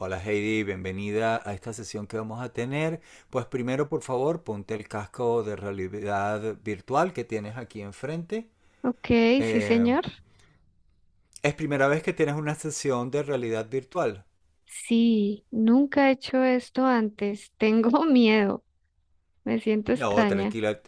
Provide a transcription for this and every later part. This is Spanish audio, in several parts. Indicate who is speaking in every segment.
Speaker 1: Hola Heidi, bienvenida a esta sesión que vamos a tener. Pues primero, por favor, ponte el casco de realidad virtual que tienes aquí enfrente.
Speaker 2: Ok, sí,
Speaker 1: Eh,
Speaker 2: señor.
Speaker 1: ¿Es primera vez que tienes una sesión de realidad virtual?
Speaker 2: Sí, nunca he hecho esto antes. Tengo miedo. Me siento
Speaker 1: No,
Speaker 2: extraña.
Speaker 1: tranquila.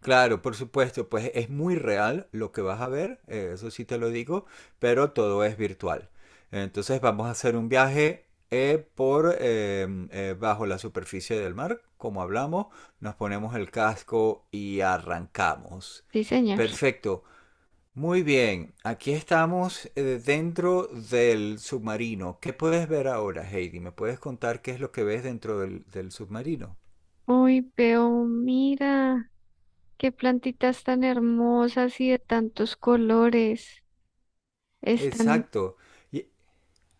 Speaker 1: Claro, por supuesto, pues es muy real lo que vas a ver, eso sí te lo digo, pero todo es virtual. Entonces vamos a hacer un viaje por bajo la superficie del mar, como hablamos, nos ponemos el casco y arrancamos.
Speaker 2: Sí, señor.
Speaker 1: Perfecto. Muy bien, aquí estamos dentro del submarino. ¿Qué puedes ver ahora, Heidi? ¿Me puedes contar qué es lo que ves dentro del submarino?
Speaker 2: Uy, veo, mira, qué plantitas tan hermosas y de tantos colores. Están,
Speaker 1: Exacto.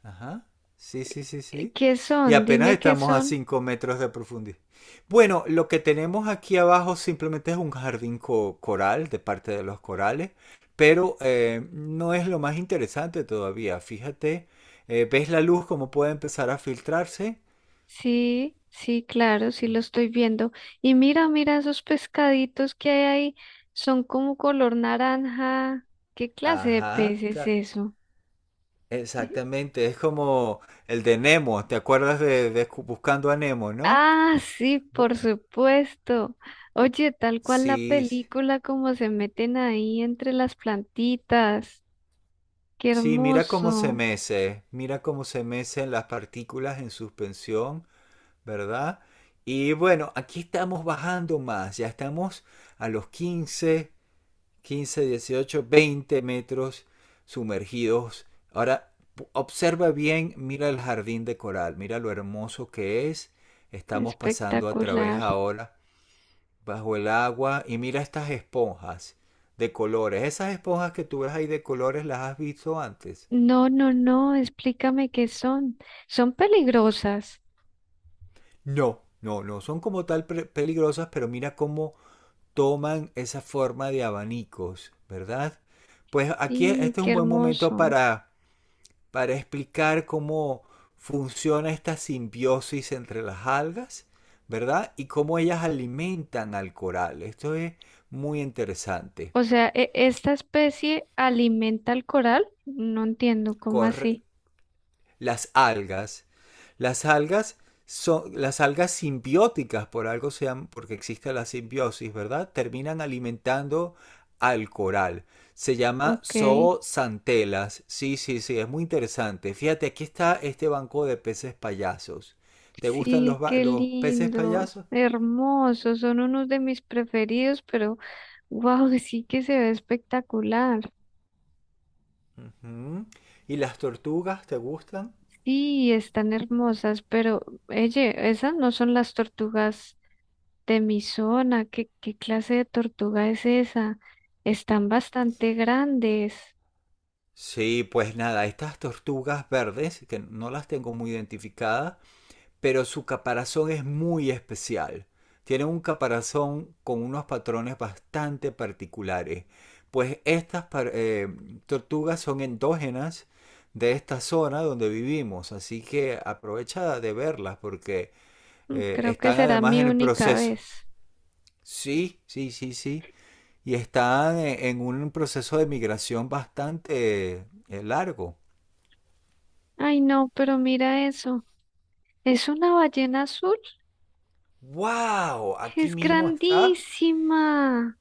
Speaker 1: Ajá. Sí, sí, sí, sí.
Speaker 2: ¿qué
Speaker 1: Y
Speaker 2: son?
Speaker 1: apenas
Speaker 2: Dime qué
Speaker 1: estamos a
Speaker 2: son.
Speaker 1: 5 metros de profundidad. Bueno, lo que tenemos aquí abajo simplemente es un coral, de parte de los corales, pero no es lo más interesante todavía. Fíjate, ¿ves la luz cómo puede empezar a filtrarse?
Speaker 2: Sí, sí, claro, sí
Speaker 1: Mm.
Speaker 2: lo estoy viendo. Y mira, mira esos pescaditos que hay ahí. Son como color naranja. ¿Qué clase de
Speaker 1: Ajá,
Speaker 2: pez es
Speaker 1: ta-
Speaker 2: eso?
Speaker 1: Exactamente. Es como el de Nemo. ¿Te acuerdas de Buscando a Nemo, no?
Speaker 2: Ah, sí,
Speaker 1: Bu-
Speaker 2: por supuesto. Oye, tal cual la
Speaker 1: Sí.
Speaker 2: película, como se meten ahí entre las plantitas. Qué
Speaker 1: Sí, mira cómo se
Speaker 2: hermoso,
Speaker 1: mece, mira cómo se mecen las partículas en suspensión, ¿verdad? Y bueno, aquí estamos bajando más, ya estamos a los 15, 15, 18, 20 metros sumergidos. Ahora, observa bien, mira el jardín de coral, mira lo hermoso que es. Estamos pasando a través
Speaker 2: espectacular.
Speaker 1: ahora bajo el agua, y mira estas esponjas de colores. Esas esponjas que tú ves ahí de colores, ¿las has visto antes?
Speaker 2: No, no, no, explícame qué son. Son peligrosas.
Speaker 1: No, no, no son como tal peligrosas, pero mira cómo toman esa forma de abanicos, ¿verdad? Pues aquí
Speaker 2: Y
Speaker 1: este es
Speaker 2: qué
Speaker 1: un buen momento
Speaker 2: hermoso.
Speaker 1: para explicar cómo funciona esta simbiosis entre las algas, ¿verdad? Y cómo ellas alimentan al coral. Esto es muy interesante.
Speaker 2: O sea, ¿esta especie alimenta al coral? No entiendo, ¿cómo
Speaker 1: Corre-
Speaker 2: así?
Speaker 1: las algas. Las algas son las algas simbióticas, por algo sean, porque existe la simbiosis, ¿verdad? Terminan alimentando al coral. Se llama
Speaker 2: Ok.
Speaker 1: zoosantelas. Sí, sí, sí, es muy interesante. Fíjate, aquí está este banco de peces payasos. ¿Te gustan los,
Speaker 2: Sí, qué
Speaker 1: los peces
Speaker 2: lindos,
Speaker 1: payasos?
Speaker 2: hermosos, son unos de mis preferidos, pero wow, sí que se ve espectacular.
Speaker 1: Ujú. ¿Y las tortugas te gustan?
Speaker 2: Sí, están hermosas, pero oye, esas no son las tortugas de mi zona. ¿Qué clase de tortuga es esa? Están bastante grandes.
Speaker 1: Sí, pues nada, estas tortugas verdes, que no las tengo muy identificadas, pero su caparazón es muy especial. Tiene un caparazón con unos patrones bastante particulares. Pues estas, eh, tortugas son endógenas de esta zona donde vivimos, así que aprovecha de verlas, porque
Speaker 2: Mm, creo que
Speaker 1: están
Speaker 2: será
Speaker 1: además
Speaker 2: mi
Speaker 1: en el
Speaker 2: única
Speaker 1: proceso.
Speaker 2: vez.
Speaker 1: Sí, sí, sí, sí. Y están en un proceso de migración bastante largo.
Speaker 2: Ay, no, pero mira eso. ¿Es una ballena azul?
Speaker 1: ¡Wow! Aquí
Speaker 2: Es
Speaker 1: mismo está.
Speaker 2: grandísima.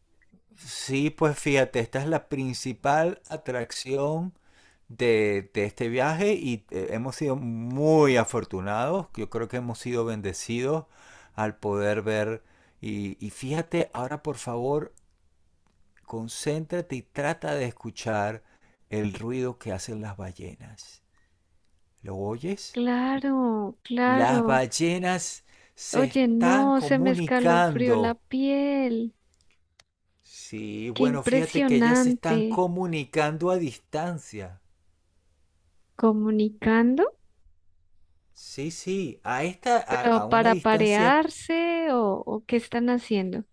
Speaker 1: Sí, pues fíjate, esta es la principal atracción de este viaje, y hemos sido muy afortunados. Yo creo que hemos sido bendecidos al poder ver. Y fíjate, ahora por favor, concéntrate y trata de escuchar el ruido que hacen las ballenas. ¿Lo oyes?
Speaker 2: Claro,
Speaker 1: Las
Speaker 2: claro.
Speaker 1: ballenas se
Speaker 2: Oye,
Speaker 1: están
Speaker 2: no, se me escalofrió la
Speaker 1: comunicando.
Speaker 2: piel.
Speaker 1: Sí,
Speaker 2: Qué
Speaker 1: bueno, fíjate que ellas se están
Speaker 2: impresionante.
Speaker 1: comunicando a distancia.
Speaker 2: ¿Comunicando?
Speaker 1: Sí, sí, a esta,
Speaker 2: ¿Pero
Speaker 1: a una
Speaker 2: para
Speaker 1: distancia,
Speaker 2: parearse o qué están haciendo?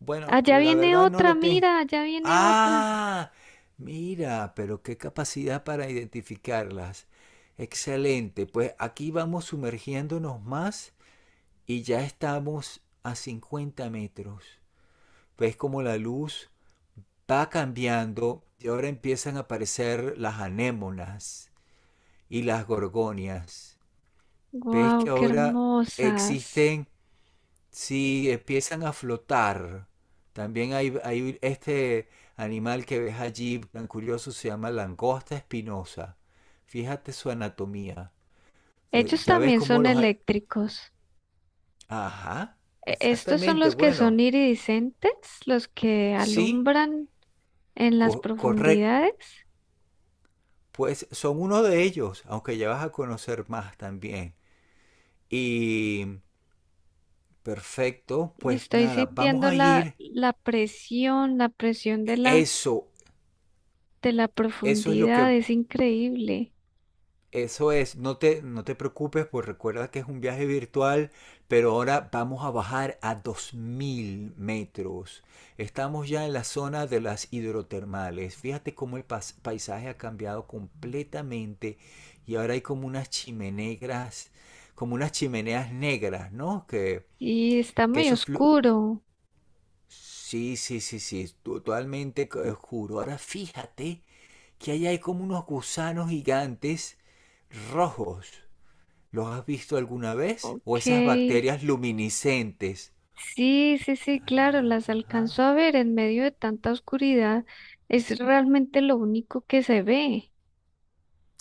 Speaker 1: bueno,
Speaker 2: Allá
Speaker 1: la
Speaker 2: viene
Speaker 1: verdad no
Speaker 2: otra,
Speaker 1: lo tengo.
Speaker 2: mira, allá viene otra.
Speaker 1: Ah, mira, pero qué capacidad para identificarlas. Excelente, pues aquí vamos sumergiéndonos más y ya estamos a 50 metros. Ves como la luz va cambiando y ahora empiezan a aparecer las anémonas y las gorgonias. Ves que
Speaker 2: Wow, qué
Speaker 1: ahora
Speaker 2: hermosas.
Speaker 1: existen, si empiezan a flotar. También hay este animal que ves allí, tan curioso, se llama langosta espinosa. Fíjate su anatomía.
Speaker 2: Ellos
Speaker 1: Ya ves
Speaker 2: también
Speaker 1: cómo
Speaker 2: son
Speaker 1: los...
Speaker 2: eléctricos.
Speaker 1: Ajá,
Speaker 2: Estos son
Speaker 1: exactamente.
Speaker 2: los que
Speaker 1: Bueno,
Speaker 2: son iridiscentes, los que
Speaker 1: sí,
Speaker 2: alumbran en las
Speaker 1: correcto.
Speaker 2: profundidades.
Speaker 1: Pues son uno de ellos, aunque ya vas a conocer más también. Y perfecto, pues
Speaker 2: Estoy
Speaker 1: nada, vamos
Speaker 2: sintiendo
Speaker 1: a
Speaker 2: la,
Speaker 1: ir.
Speaker 2: la presión, la presión
Speaker 1: Eso,
Speaker 2: de la
Speaker 1: eso es lo
Speaker 2: profundidad,
Speaker 1: que...
Speaker 2: es increíble.
Speaker 1: Eso es, no te, no te preocupes, pues recuerda que es un viaje virtual, pero ahora vamos a bajar a 2000 metros. Estamos ya en la zona de las hidrotermales. Fíjate cómo el paisaje ha cambiado completamente, y ahora hay como unas chimeneas negras, ¿no?
Speaker 2: Y está
Speaker 1: Que
Speaker 2: muy
Speaker 1: eso...
Speaker 2: oscuro.
Speaker 1: sí, sí, sí, sí, totalmente oscuro. Ahora fíjate que ahí hay como unos gusanos gigantes rojos. ¿Los has visto alguna vez? O
Speaker 2: Ok.
Speaker 1: esas bacterias luminiscentes.
Speaker 2: Sí, sí, sí, claro, las
Speaker 1: Ajá,
Speaker 2: alcanzó a ver en medio de tanta oscuridad. Es realmente lo único que se ve.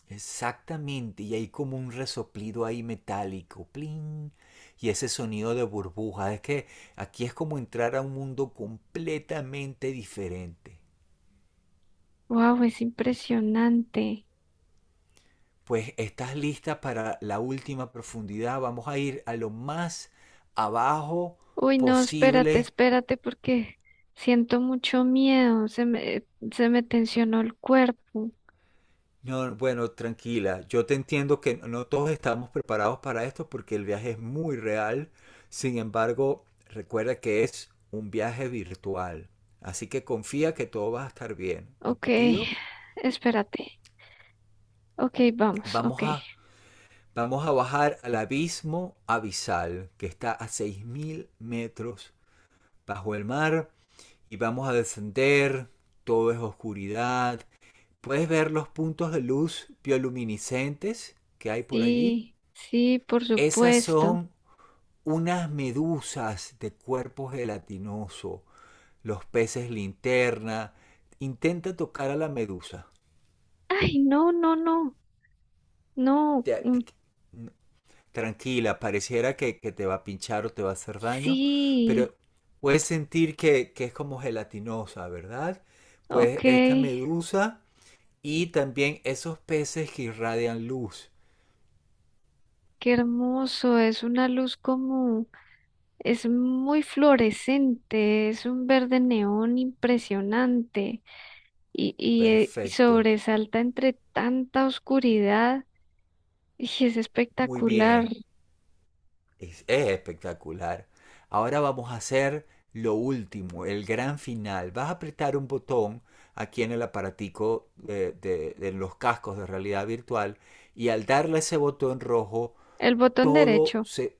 Speaker 1: exactamente. Y hay como un resoplido ahí metálico. Plin. Y ese sonido de burbuja. Es que aquí es como entrar a un mundo completamente diferente.
Speaker 2: Wow, es impresionante.
Speaker 1: Pues estás lista para la última profundidad. Vamos a ir a lo más abajo
Speaker 2: Uy, no, espérate,
Speaker 1: posible.
Speaker 2: espérate, porque siento mucho miedo. Se me tensionó el cuerpo.
Speaker 1: No, bueno, tranquila, yo te entiendo, que no todos estamos preparados para esto porque el viaje es muy real. Sin embargo, recuerda que es un viaje virtual. Así que confía que todo va a estar bien.
Speaker 2: Ok,
Speaker 1: ¿Entendido?
Speaker 2: espérate. Ok, vamos, ok.
Speaker 1: Vamos a, vamos a bajar al abismo abisal, que está a 6000 metros bajo el mar, y vamos a descender. Todo es oscuridad. ¿Puedes ver los puntos de luz bioluminiscentes que hay por allí?
Speaker 2: Sí, sí, por
Speaker 1: Esas
Speaker 2: supuesto.
Speaker 1: son unas medusas de cuerpo gelatinoso, los peces linterna. Intenta tocar a la medusa.
Speaker 2: Ay, no, no, no, no.
Speaker 1: Te-
Speaker 2: Mm.
Speaker 1: te- Tranquila, pareciera que te va a pinchar o te va a hacer daño,
Speaker 2: Sí,
Speaker 1: pero puedes sentir que es como gelatinosa, ¿verdad? Pues
Speaker 2: ok,
Speaker 1: esta medusa, y también esos peces que irradian luz.
Speaker 2: qué hermoso. Es una luz como, es muy fluorescente, es un verde neón impresionante y
Speaker 1: Perfecto,
Speaker 2: sobresalta entre tanta oscuridad y es
Speaker 1: muy
Speaker 2: espectacular.
Speaker 1: bien. Es espectacular. Ahora vamos a hacer lo último, el gran final. Vas a apretar un botón aquí en el aparatico de, de los cascos de realidad virtual, y al darle ese botón rojo,
Speaker 2: El botón
Speaker 1: todo
Speaker 2: derecho,
Speaker 1: se...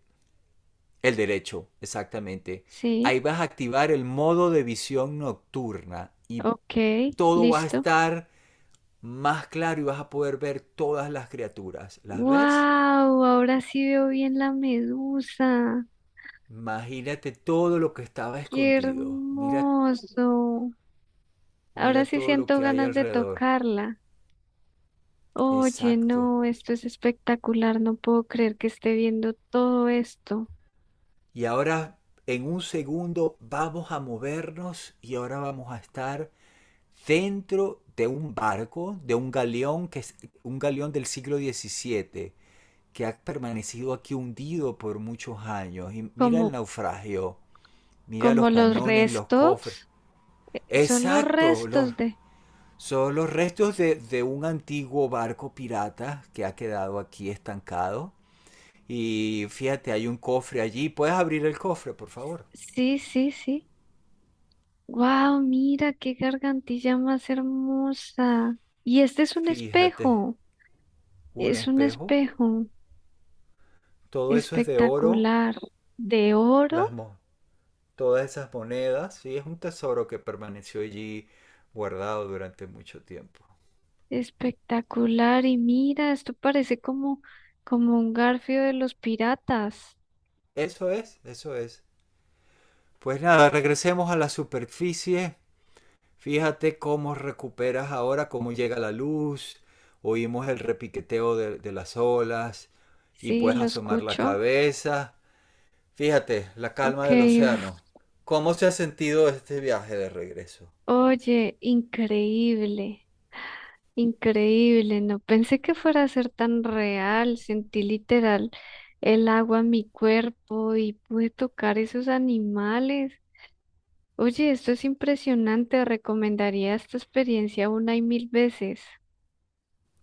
Speaker 1: El derecho, exactamente. Ahí
Speaker 2: sí,
Speaker 1: vas a activar el modo de visión nocturna, y
Speaker 2: ok,
Speaker 1: todo va a
Speaker 2: listo.
Speaker 1: estar más claro y vas a poder ver todas las criaturas. ¿Las ves?
Speaker 2: Wow, ahora sí veo bien la medusa.
Speaker 1: Imagínate todo lo que estaba
Speaker 2: Qué
Speaker 1: escondido. Mira.
Speaker 2: hermoso. Ahora
Speaker 1: Mira
Speaker 2: sí
Speaker 1: todo lo
Speaker 2: siento
Speaker 1: que hay
Speaker 2: ganas de
Speaker 1: alrededor.
Speaker 2: tocarla. Oye,
Speaker 1: Exacto.
Speaker 2: no, esto es espectacular. No puedo creer que esté viendo todo esto.
Speaker 1: Y ahora, en un segundo, vamos a movernos y ahora vamos a estar dentro de un barco, de un galeón, que es un galeón del siglo XVII, que ha permanecido aquí hundido por muchos años. Y mira
Speaker 2: Como,
Speaker 1: el naufragio, mira
Speaker 2: como
Speaker 1: los
Speaker 2: los
Speaker 1: cañones, los cofres.
Speaker 2: restos. Son los
Speaker 1: Exacto, los,
Speaker 2: restos de.
Speaker 1: son los restos de un antiguo barco pirata que ha quedado aquí estancado. Y fíjate, hay un cofre allí. ¿Puedes abrir el cofre, por favor?
Speaker 2: Sí, sí, sí. Wow, mira qué gargantilla más hermosa. Y este es un
Speaker 1: Fíjate,
Speaker 2: espejo.
Speaker 1: un
Speaker 2: Es un
Speaker 1: espejo.
Speaker 2: espejo
Speaker 1: Todo eso es de oro.
Speaker 2: espectacular. De
Speaker 1: Las
Speaker 2: oro.
Speaker 1: mo- Todas esas monedas. Sí, es un tesoro que permaneció allí guardado durante mucho tiempo.
Speaker 2: Espectacular. Y mira, esto parece como, como un garfio de los piratas.
Speaker 1: Eso es, eso es. Pues nada, regresemos a la superficie. Fíjate cómo recuperas ahora, cómo llega la luz. Oímos el repiqueteo de las olas, y
Speaker 2: Sí,
Speaker 1: puedes
Speaker 2: lo
Speaker 1: asomar la
Speaker 2: escucho.
Speaker 1: cabeza. Fíjate, la calma
Speaker 2: Ok,
Speaker 1: del
Speaker 2: uf.
Speaker 1: océano. ¿Cómo se ha sentido este viaje de regreso?
Speaker 2: Oye, increíble, increíble. No pensé que fuera a ser tan real. Sentí literal el agua en mi cuerpo y pude tocar esos animales. Oye, esto es impresionante. Recomendaría esta experiencia una y 1000 veces.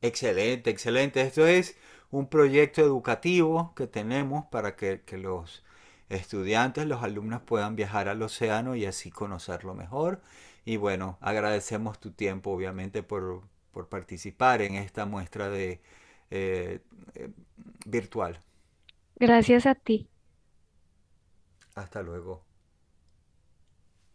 Speaker 1: Excelente, excelente. Esto es un proyecto educativo que tenemos para que los estudiantes, los alumnos puedan viajar al océano y así conocerlo mejor. Y bueno, agradecemos tu tiempo, obviamente, por participar en esta muestra de, eh, eh, virtual.
Speaker 2: Gracias a ti.
Speaker 1: Hasta luego.